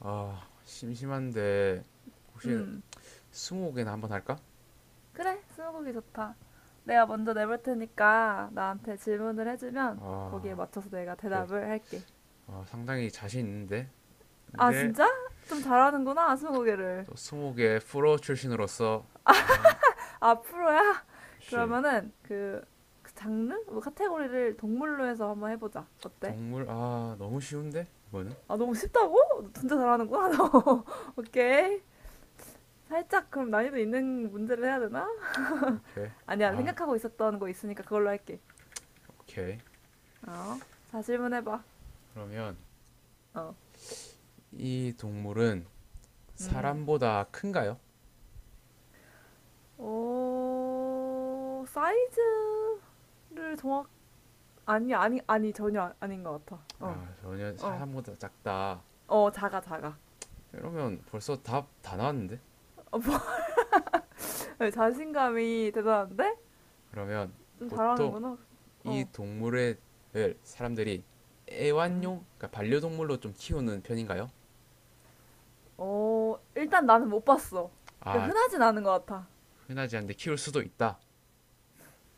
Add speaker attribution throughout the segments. Speaker 1: 심심한데 혹시
Speaker 2: 음,
Speaker 1: 스무고개나 한번 할까?
Speaker 2: 그래, 스무고기 좋다. 내가 먼저 내볼 테니까 나한테 질문을 해주면 거기에
Speaker 1: 아,
Speaker 2: 맞춰서 내가
Speaker 1: 오케이.
Speaker 2: 대답을 할게.
Speaker 1: 아, 상당히 자신 있는데.
Speaker 2: 아,
Speaker 1: 근데
Speaker 2: 진짜? 좀 잘하는구나, 스무고개를.
Speaker 1: 또 스무고개 프로 출신으로서 아,
Speaker 2: 아, 프로야?
Speaker 1: 씨.
Speaker 2: 그러면은 그 장르? 뭐 카테고리를 동물로 해서 한번 해보자. 어때?
Speaker 1: 동물 아, 너무 쉬운데? 이거는?
Speaker 2: 아, 너무 쉽다고? 너 진짜 잘하는구나, 너. 오케이. 살짝 그럼 난이도 있는 문제를 해야 되나?
Speaker 1: 오케이.
Speaker 2: 아니야,
Speaker 1: 아,
Speaker 2: 생각하고 있었던 거 있으니까 그걸로 할게.
Speaker 1: 오케이.
Speaker 2: 어, 자, 질문해봐.
Speaker 1: 그러면
Speaker 2: 어,
Speaker 1: 이 동물은
Speaker 2: 음.
Speaker 1: 사람보다 큰가요?
Speaker 2: 사이즈를 정확, 아니, 아니, 아니, 전혀 닌 것 같아. 어,
Speaker 1: 아, 전혀
Speaker 2: 어,
Speaker 1: 사람보다 작다.
Speaker 2: 어, 작아, 작아.
Speaker 1: 이러면 벌써 답 다 나왔는데.
Speaker 2: 어, 자신감이 대단한데?
Speaker 1: 그러면
Speaker 2: 좀
Speaker 1: 보통
Speaker 2: 잘하는구나.
Speaker 1: 이
Speaker 2: 어,
Speaker 1: 동물을 사람들이
Speaker 2: 음,
Speaker 1: 애완용, 그러니까 반려동물로 좀 키우는 편인가요?
Speaker 2: 일단 나는 못 봤어. 그러니까
Speaker 1: 아,
Speaker 2: 흔하진 않은 것 같아.
Speaker 1: 흔하지 않은데 키울 수도 있다.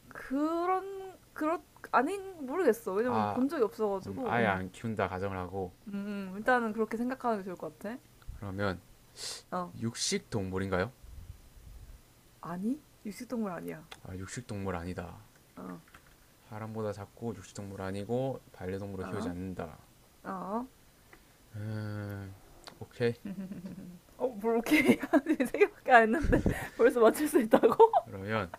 Speaker 2: 그런, 그렇, 모르겠어. 왜냐면
Speaker 1: 아,
Speaker 2: 본 적이 없어가지고.
Speaker 1: 아예 안 키운다 가정을 하고
Speaker 2: 일단은 그렇게 생각하는 게 좋을 것 같아.
Speaker 1: 그러면
Speaker 2: 어,
Speaker 1: 육식 동물인가요?
Speaker 2: 아니? 육식동물 아니야.
Speaker 1: 아, 육식 동물 아니다.
Speaker 2: 어,
Speaker 1: 사람보다 작고 육식 동물 아니고 반려동물로 키우지
Speaker 2: 어,
Speaker 1: 않는다.
Speaker 2: 어.
Speaker 1: 음, 오케이.
Speaker 2: 뭘 오케이 하는 생각밖에 안 했는데 벌써 맞출 수 있다고?
Speaker 1: 그러면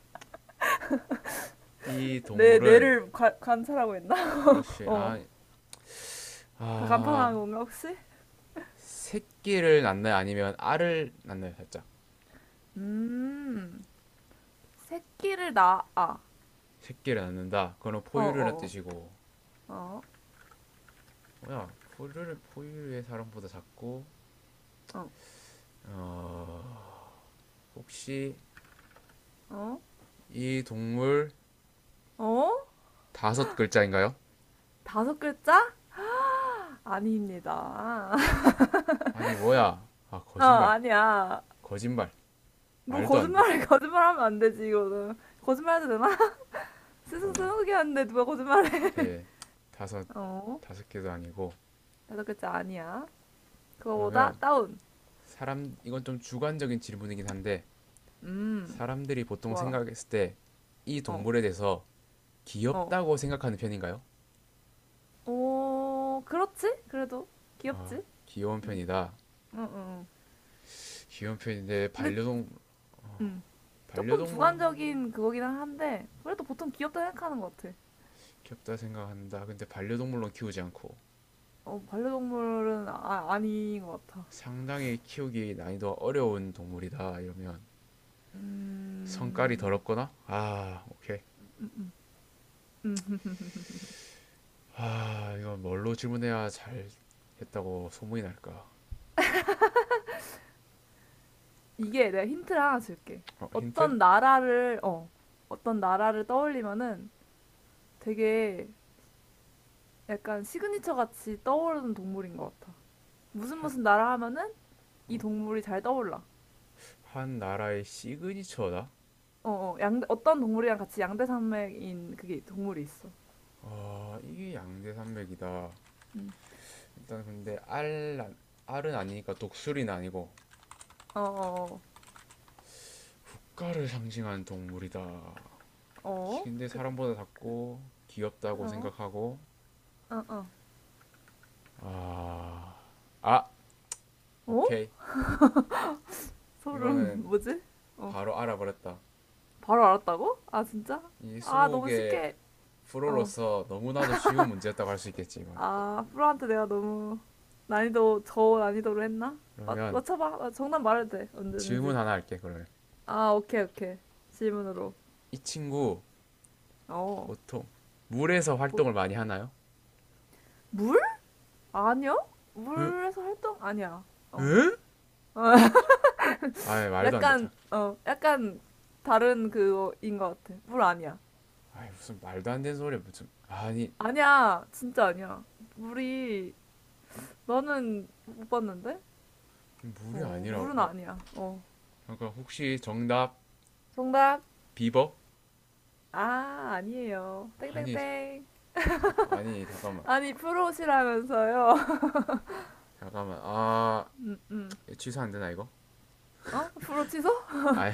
Speaker 1: 이
Speaker 2: 내
Speaker 1: 동물은
Speaker 2: 뇌를 관찰하고 있나?
Speaker 1: 그렇지.
Speaker 2: 어. 다 간판하
Speaker 1: 아,
Speaker 2: 는 건가 혹시?
Speaker 1: 새끼를 낳나요? 아니면 알을 낳나요? 살짝.
Speaker 2: 음. 새끼를 낳아.
Speaker 1: 새끼를 낳는다. 그건
Speaker 2: 어,
Speaker 1: 포유류란
Speaker 2: 어.
Speaker 1: 뜻이고
Speaker 2: 어.
Speaker 1: 뭐야 포유류 포유류의, 사람보다 작고
Speaker 2: 어. 어.
Speaker 1: 어 혹시
Speaker 2: 어?
Speaker 1: 이 동물
Speaker 2: 어?
Speaker 1: 다섯 글자인가요?
Speaker 2: 다섯 글자? 아닙니다.
Speaker 1: 아니 뭐야 거짓말
Speaker 2: 아니야.
Speaker 1: 거짓말
Speaker 2: 뭘
Speaker 1: 말도 안 돼.
Speaker 2: 거짓말해. 거짓말하면 안 되지 이거는. 거짓말해도 되나? 스승 스무개 하는데 누가 거짓말해?
Speaker 1: 개 다섯
Speaker 2: 어.
Speaker 1: 다섯 개도 아니고
Speaker 2: 다섯 글자 아니야. 그거보다
Speaker 1: 그러면
Speaker 2: 다운.
Speaker 1: 사람 이건 좀 주관적인 질문이긴 한데
Speaker 2: 음.
Speaker 1: 사람들이 보통
Speaker 2: 좋아.
Speaker 1: 생각했을 때 이
Speaker 2: 어.
Speaker 1: 동물에 대해서
Speaker 2: 어.
Speaker 1: 귀엽다고 생각하는 편인가요?
Speaker 2: 어, 그렇지? 그래도
Speaker 1: 아
Speaker 2: 귀엽지?
Speaker 1: 귀여운
Speaker 2: 응.
Speaker 1: 편이다.
Speaker 2: 어, 어. 어.
Speaker 1: 귀여운 편인데
Speaker 2: 근데
Speaker 1: 반려동
Speaker 2: 음, 조금
Speaker 1: 반려동물로
Speaker 2: 주관적인 그거긴 한데 그래도 보통 귀엽다 생각하는 것 같아.
Speaker 1: 귀엽다 생각한다. 근데 반려동물로 키우지 않고
Speaker 2: 반려동물은 아닌 것 같아.
Speaker 1: 상당히 키우기 난이도가 어려운 동물이다 이러면 성깔이
Speaker 2: 음,
Speaker 1: 더럽거나 아 오케이 아 이거 뭘로 질문해야 잘 했다고 소문이 날까?
Speaker 2: 이게 내가 힌트를 하나 줄게.
Speaker 1: 어 힌트
Speaker 2: 어떤 나라를 어, 어떤 나라를 떠올리면은 되게 약간 시그니처 같이 떠오르는 동물인 것 같아. 무슨
Speaker 1: 한,
Speaker 2: 무슨 나라 하면은 이 동물이 잘 떠올라.
Speaker 1: 한 나라의 시그니처다.
Speaker 2: 어떤 동물이랑 같이 양대 산맥인 그게 동물이 있어.
Speaker 1: 어 이게 양대산맥이다.
Speaker 2: 음.
Speaker 1: 일단 근데 알 알은 아니니까 독수리는 아니고
Speaker 2: 어, 어,
Speaker 1: 국가를 상징하는 동물이다.
Speaker 2: 어, 어,
Speaker 1: 근데
Speaker 2: 그,
Speaker 1: 사람보다 작고
Speaker 2: 그,
Speaker 1: 귀엽다고
Speaker 2: 어,
Speaker 1: 생각하고
Speaker 2: 어, 어,
Speaker 1: 아, 아,
Speaker 2: 어?
Speaker 1: 오케이.
Speaker 2: 소름,
Speaker 1: 이거는
Speaker 2: 뭐지? 어,
Speaker 1: 바로 알아버렸다.
Speaker 2: 바로 알았다고? 아, 진짜?
Speaker 1: 이
Speaker 2: 아, 너무
Speaker 1: 수목의
Speaker 2: 쉽게, 어,
Speaker 1: 프로로서 너무나도 쉬운 문제였다고 할 수 있겠지, 이건.
Speaker 2: 아, 프로한테 내가 너무 저 난이도로 했나?
Speaker 1: 그러면
Speaker 2: 맞춰봐. 아, 정답 말해도 돼,
Speaker 1: 질문
Speaker 2: 언제든지.
Speaker 1: 하나 할게, 그러면.
Speaker 2: 아, 오케이, 오케이. 질문으로.
Speaker 1: 이 친구,
Speaker 2: 어,
Speaker 1: 보통, 물에서
Speaker 2: 뭐,
Speaker 1: 활동을 많이 하나요?
Speaker 2: 물? 아니야?
Speaker 1: 으,
Speaker 2: 물에서 활동? 아니야. 어.
Speaker 1: 으? 아이, 말도 안 돼, 자.
Speaker 2: 약간 다른 그인 것 같아. 물 아니야.
Speaker 1: 아이, 무슨 말도 안 되는 소리야, 무슨. 아니,
Speaker 2: 아니야, 진짜 아니야. 물이 나는 못 봤는데.
Speaker 1: 물이 아니라고.
Speaker 2: 물은
Speaker 1: 자,
Speaker 2: 아니야.
Speaker 1: 잠깐, 혹시 정답,
Speaker 2: 정답,
Speaker 1: 비버?
Speaker 2: 아, 아니에요. 땡땡땡.
Speaker 1: 아니, 자, 잠깐, 아니, 잠깐만.
Speaker 2: 아니, 프로시라면서요.
Speaker 1: 아,
Speaker 2: 음 음.
Speaker 1: 취소 안 되나, 이거?
Speaker 2: 프로 취소?
Speaker 1: 아이,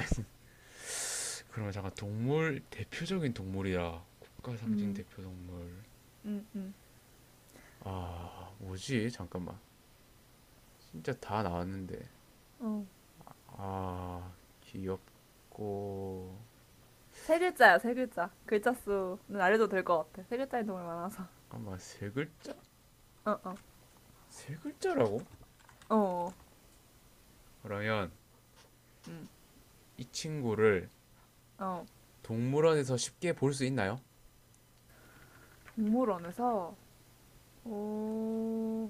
Speaker 1: 그러면 잠깐 동물 대표적인 동물이야. 국가 상징
Speaker 2: 음
Speaker 1: 대표 동물.
Speaker 2: 음 음.
Speaker 1: 아, 뭐지? 잠깐만. 진짜 다 나왔는데.
Speaker 2: 어.
Speaker 1: 아, 귀엽고
Speaker 2: 세 글자야, 세 글자. 글자 수는 알려도 될 것 같아. 세 글자인 동물 많아서.
Speaker 1: 잠깐만, 세 글자?
Speaker 2: 어, 어.
Speaker 1: 세 글자라고?
Speaker 2: 어.
Speaker 1: 그러면
Speaker 2: 음.
Speaker 1: 이 친구를
Speaker 2: 어.
Speaker 1: 동물원에서 쉽게 볼 수 있나요?
Speaker 2: 동물원에서. 어.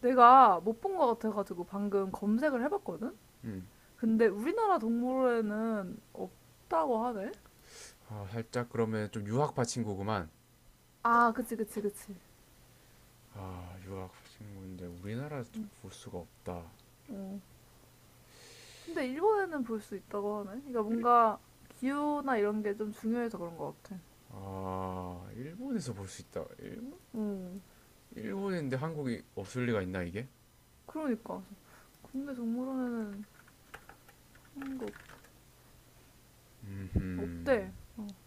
Speaker 2: 내가 못 본 것 같아가지고 방금 검색을 해봤거든?
Speaker 1: 음.
Speaker 2: 근데 우리나라 동물원에는 없다고 하네?
Speaker 1: 아, 살짝 그러면 좀 유학파 친구구만.
Speaker 2: 아, 그치, 그치, 그치.
Speaker 1: 아, 유학파 친구인데 우리나라에서 볼 수가 없다.
Speaker 2: 어. 근데 일본에는 볼 수 있다고 하네? 그러니까 뭔가 기후나 이런 게 좀 중요해서 그런 것 같아.
Speaker 1: 아, 일본에서 볼 수 있다.
Speaker 2: 어.
Speaker 1: 일본인데 한국이 없을 리가 있나 이게?
Speaker 2: 그러니까. 국내 동물원에는 그런 거
Speaker 1: 음,
Speaker 2: 없대.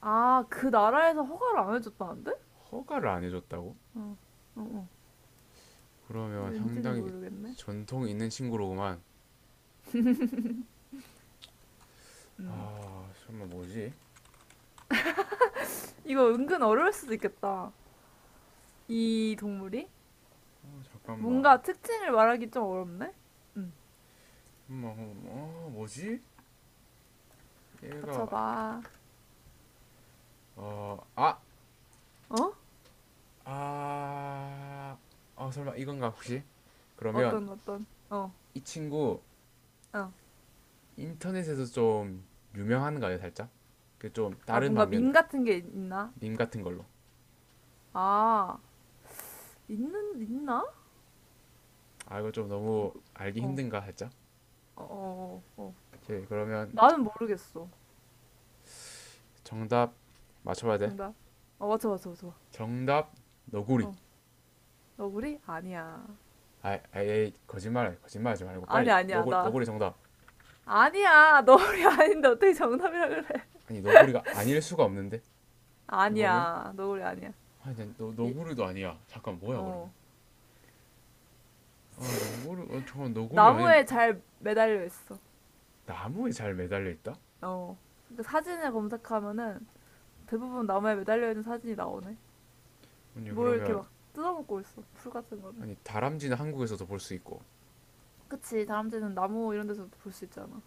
Speaker 2: 아, 그 나라에서 허가를 안 해줬다는데?
Speaker 1: 허가를 안 해줬다고?
Speaker 2: 어, 어, 어.
Speaker 1: 그러면
Speaker 2: 왠지는
Speaker 1: 상당히
Speaker 2: 모르겠네.
Speaker 1: 전통이 있는 친구로구만.
Speaker 2: 음.
Speaker 1: 아, 잠깐만 뭐지?
Speaker 2: 이거 은근 어려울 수도 있겠다. 이 동물이?
Speaker 1: 어, 잠깐만,
Speaker 2: 뭔가 특징을 말하기 좀 어렵네? 응.
Speaker 1: 엄마, 어, 뭐지? 얘가
Speaker 2: 맞춰봐.
Speaker 1: 어, 아,
Speaker 2: 어?
Speaker 1: 아, 아, 설마 이건가 혹시? 그러면
Speaker 2: 어떤. 어,
Speaker 1: 이 친구
Speaker 2: 어.
Speaker 1: 인터넷에서 좀 유명한가요, 살짝? 그 좀
Speaker 2: 아,
Speaker 1: 다른
Speaker 2: 뭔가
Speaker 1: 방면으로,
Speaker 2: 밈 같은 게 있나?
Speaker 1: 밈 같은 걸로.
Speaker 2: 아, 있나?
Speaker 1: 아, 이거 좀 너무 알기
Speaker 2: 어,
Speaker 1: 힘든가 살짝?
Speaker 2: 어, 어, 어. 어.
Speaker 1: 오케이, 그러면.
Speaker 2: 나는 모르겠어.
Speaker 1: 정답 맞춰봐야 돼.
Speaker 2: 정답. 맞춰, 맞춰, 맞춰.
Speaker 1: 정답 너구리.
Speaker 2: 어. 너구리? 아니야.
Speaker 1: 아예 거짓말 거짓말하지 말고 빨리
Speaker 2: 아니야, 아니야,
Speaker 1: 너구리
Speaker 2: 나.
Speaker 1: 너구리 정답.
Speaker 2: 아니야, 너구리 아닌데 어떻게 정답이라 그래?
Speaker 1: 아니 너구리가 아닐 수가 없는데 이거는
Speaker 2: 아니야, 너구리 아니야.
Speaker 1: 아니 너
Speaker 2: 이-
Speaker 1: 너구리도 아니야. 잠깐 뭐야 그러면?
Speaker 2: 어.
Speaker 1: 아 너구리 어, 잠깐 너구리 아니
Speaker 2: 나무에 잘 매달려 있어.
Speaker 1: 나무에 잘 매달려 있다?
Speaker 2: 어. 그 사진을 검색하면은 대부분 나무에 매달려 있는 사진이 나오네.
Speaker 1: 아니
Speaker 2: 뭘 이렇게
Speaker 1: 그러면
Speaker 2: 막 뜯어먹고 있어. 풀 같은 거를.
Speaker 1: 아니 다람쥐는 한국에서도 볼 수 있고
Speaker 2: 그치. 다람쥐는 나무 이런 데서 볼 수 있잖아.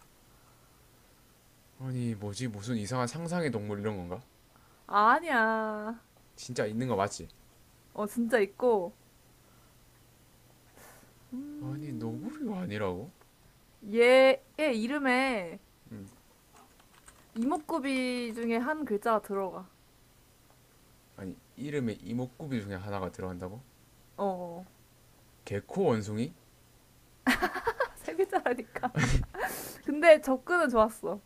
Speaker 1: 아니 뭐지 무슨 이상한 상상의 동물 이런 건가?
Speaker 2: 아니야.
Speaker 1: 진짜 있는 거 맞지?
Speaker 2: 진짜 있고.
Speaker 1: 아니 너구리가 아니라고?
Speaker 2: 얘의 이름에 이목구비 중에 한 글자가 들어가.
Speaker 1: 아니 이름에 이목구비 중에 하나가 들어간다고?
Speaker 2: 어.
Speaker 1: 개코 원숭이?
Speaker 2: 세 글자라니까. 근데 접근은 좋았어.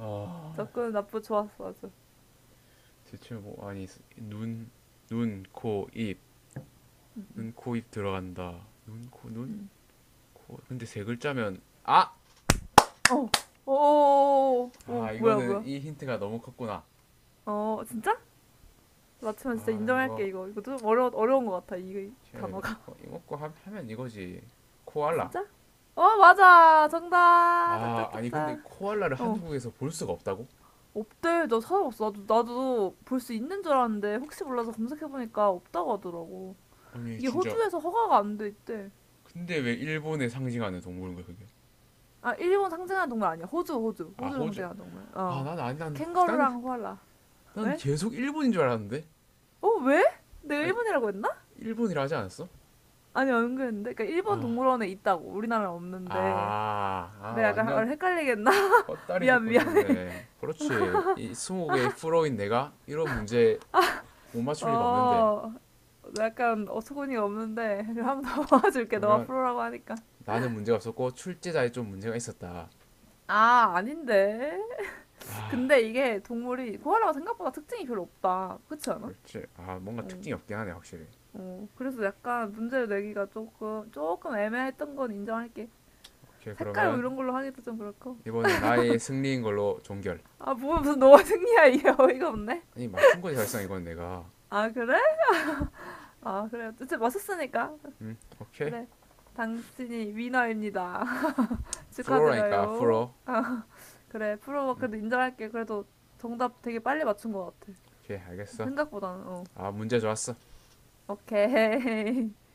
Speaker 1: 아
Speaker 2: 접근은 나쁘 좋았어 아주.
Speaker 1: 대체 뭐 아니 눈, 눈, 코, 입, 눈, 코, 입 들어간다. 눈, 코, 눈, 코. 근데 세 글자면 아,
Speaker 2: 어. 오. 어 어, 어.
Speaker 1: 아
Speaker 2: 뭐야,
Speaker 1: 이거는
Speaker 2: 뭐야.
Speaker 1: 이 힌트가 너무 컸구나.
Speaker 2: 진짜? 맞추면 진짜
Speaker 1: 아
Speaker 2: 인정할게
Speaker 1: 이거
Speaker 2: 이거. 이거 좀 어려운 것 같아, 이 단어가.
Speaker 1: 이거 먹고 하, 면 이거지. 코알라.
Speaker 2: 진짜? 맞아. 정답,
Speaker 1: 아 아니 근데
Speaker 2: 딱딱딱딱.
Speaker 1: 코알라를
Speaker 2: 어
Speaker 1: 한국에서 볼 수가 없다고?
Speaker 2: 없대. 나 찾아봤어. 나도 볼 수 있는 줄 알았는데 혹시 몰라서 검색해보니까 없다고 하더라고.
Speaker 1: 아니
Speaker 2: 이게
Speaker 1: 진짜.
Speaker 2: 호주에서 허가가 안 돼 있대.
Speaker 1: 근데 왜 일본에 상징하는 동물인 거야 그게?
Speaker 2: 아, 일본 상징하는 동물 아니야. 호주, 호주,
Speaker 1: 아
Speaker 2: 호주
Speaker 1: 호주.
Speaker 2: 상징하는 동물.
Speaker 1: 아 난 아니 난 나는
Speaker 2: 캥거루랑 호알라.
Speaker 1: 난
Speaker 2: 왜?
Speaker 1: 계속 일본인 줄 알았는데.
Speaker 2: 왜? 내가
Speaker 1: 아니
Speaker 2: 일본이라고 했나?
Speaker 1: 일본이라 하지 않았어?
Speaker 2: 아니, 은근했는데 그러니까 일본 동물원에 있다고 우리나라는 없는데,
Speaker 1: 아, 아
Speaker 2: 내가 약간
Speaker 1: 완전
Speaker 2: 말을 헷갈리겠나?
Speaker 1: 헛다리 짚고
Speaker 2: 미안해.
Speaker 1: 있었네. 그렇지. 이 20개의 프로인 내가 이런 문제 못 맞출 리가 없는데.
Speaker 2: 어, 약간 어처구니가 없는데 한번 더 도와줄게. 너가
Speaker 1: 그러면
Speaker 2: 프로라고 하니까.
Speaker 1: 나는 문제가 없었고 출제자에 좀 문제가 있었다.
Speaker 2: 아, 아닌데. 근데 이게 동물이 코알라가 생각보다 특징이 별로 없다. 그렇지 않아?
Speaker 1: 그렇지. 아, 뭔가
Speaker 2: 응.
Speaker 1: 특징이 없긴 하네, 확실히.
Speaker 2: 그래서 약간 문제를 내기가 조금 조금 애매했던 건 인정할게.
Speaker 1: 오케이,
Speaker 2: 색깔 뭐
Speaker 1: 그러면
Speaker 2: 이런 걸로 하기도 좀 그렇고.
Speaker 1: 이번은 나의 승리인 걸로 종결.
Speaker 2: 아, 뭐 무슨 너가 승리야 이게. 어이가 없네.
Speaker 1: 아니, 맞춘 거지, 사실상 이건 내가.
Speaker 2: 아, 그래? 아, 그래. 어쨌든 맞췄으니까.
Speaker 1: 응, 오케이.
Speaker 2: 그래. 당신이 위너입니다.
Speaker 1: 프로라니까,
Speaker 2: 축하드려요.
Speaker 1: 프로.
Speaker 2: 아, 그래, 프로버 그래도 인정할게. 그래도 정답 되게 빨리 맞춘 것 같아.
Speaker 1: 오케이, 알겠어.
Speaker 2: 생각보다는.
Speaker 1: 아, 문제 좋았어.
Speaker 2: 오케이.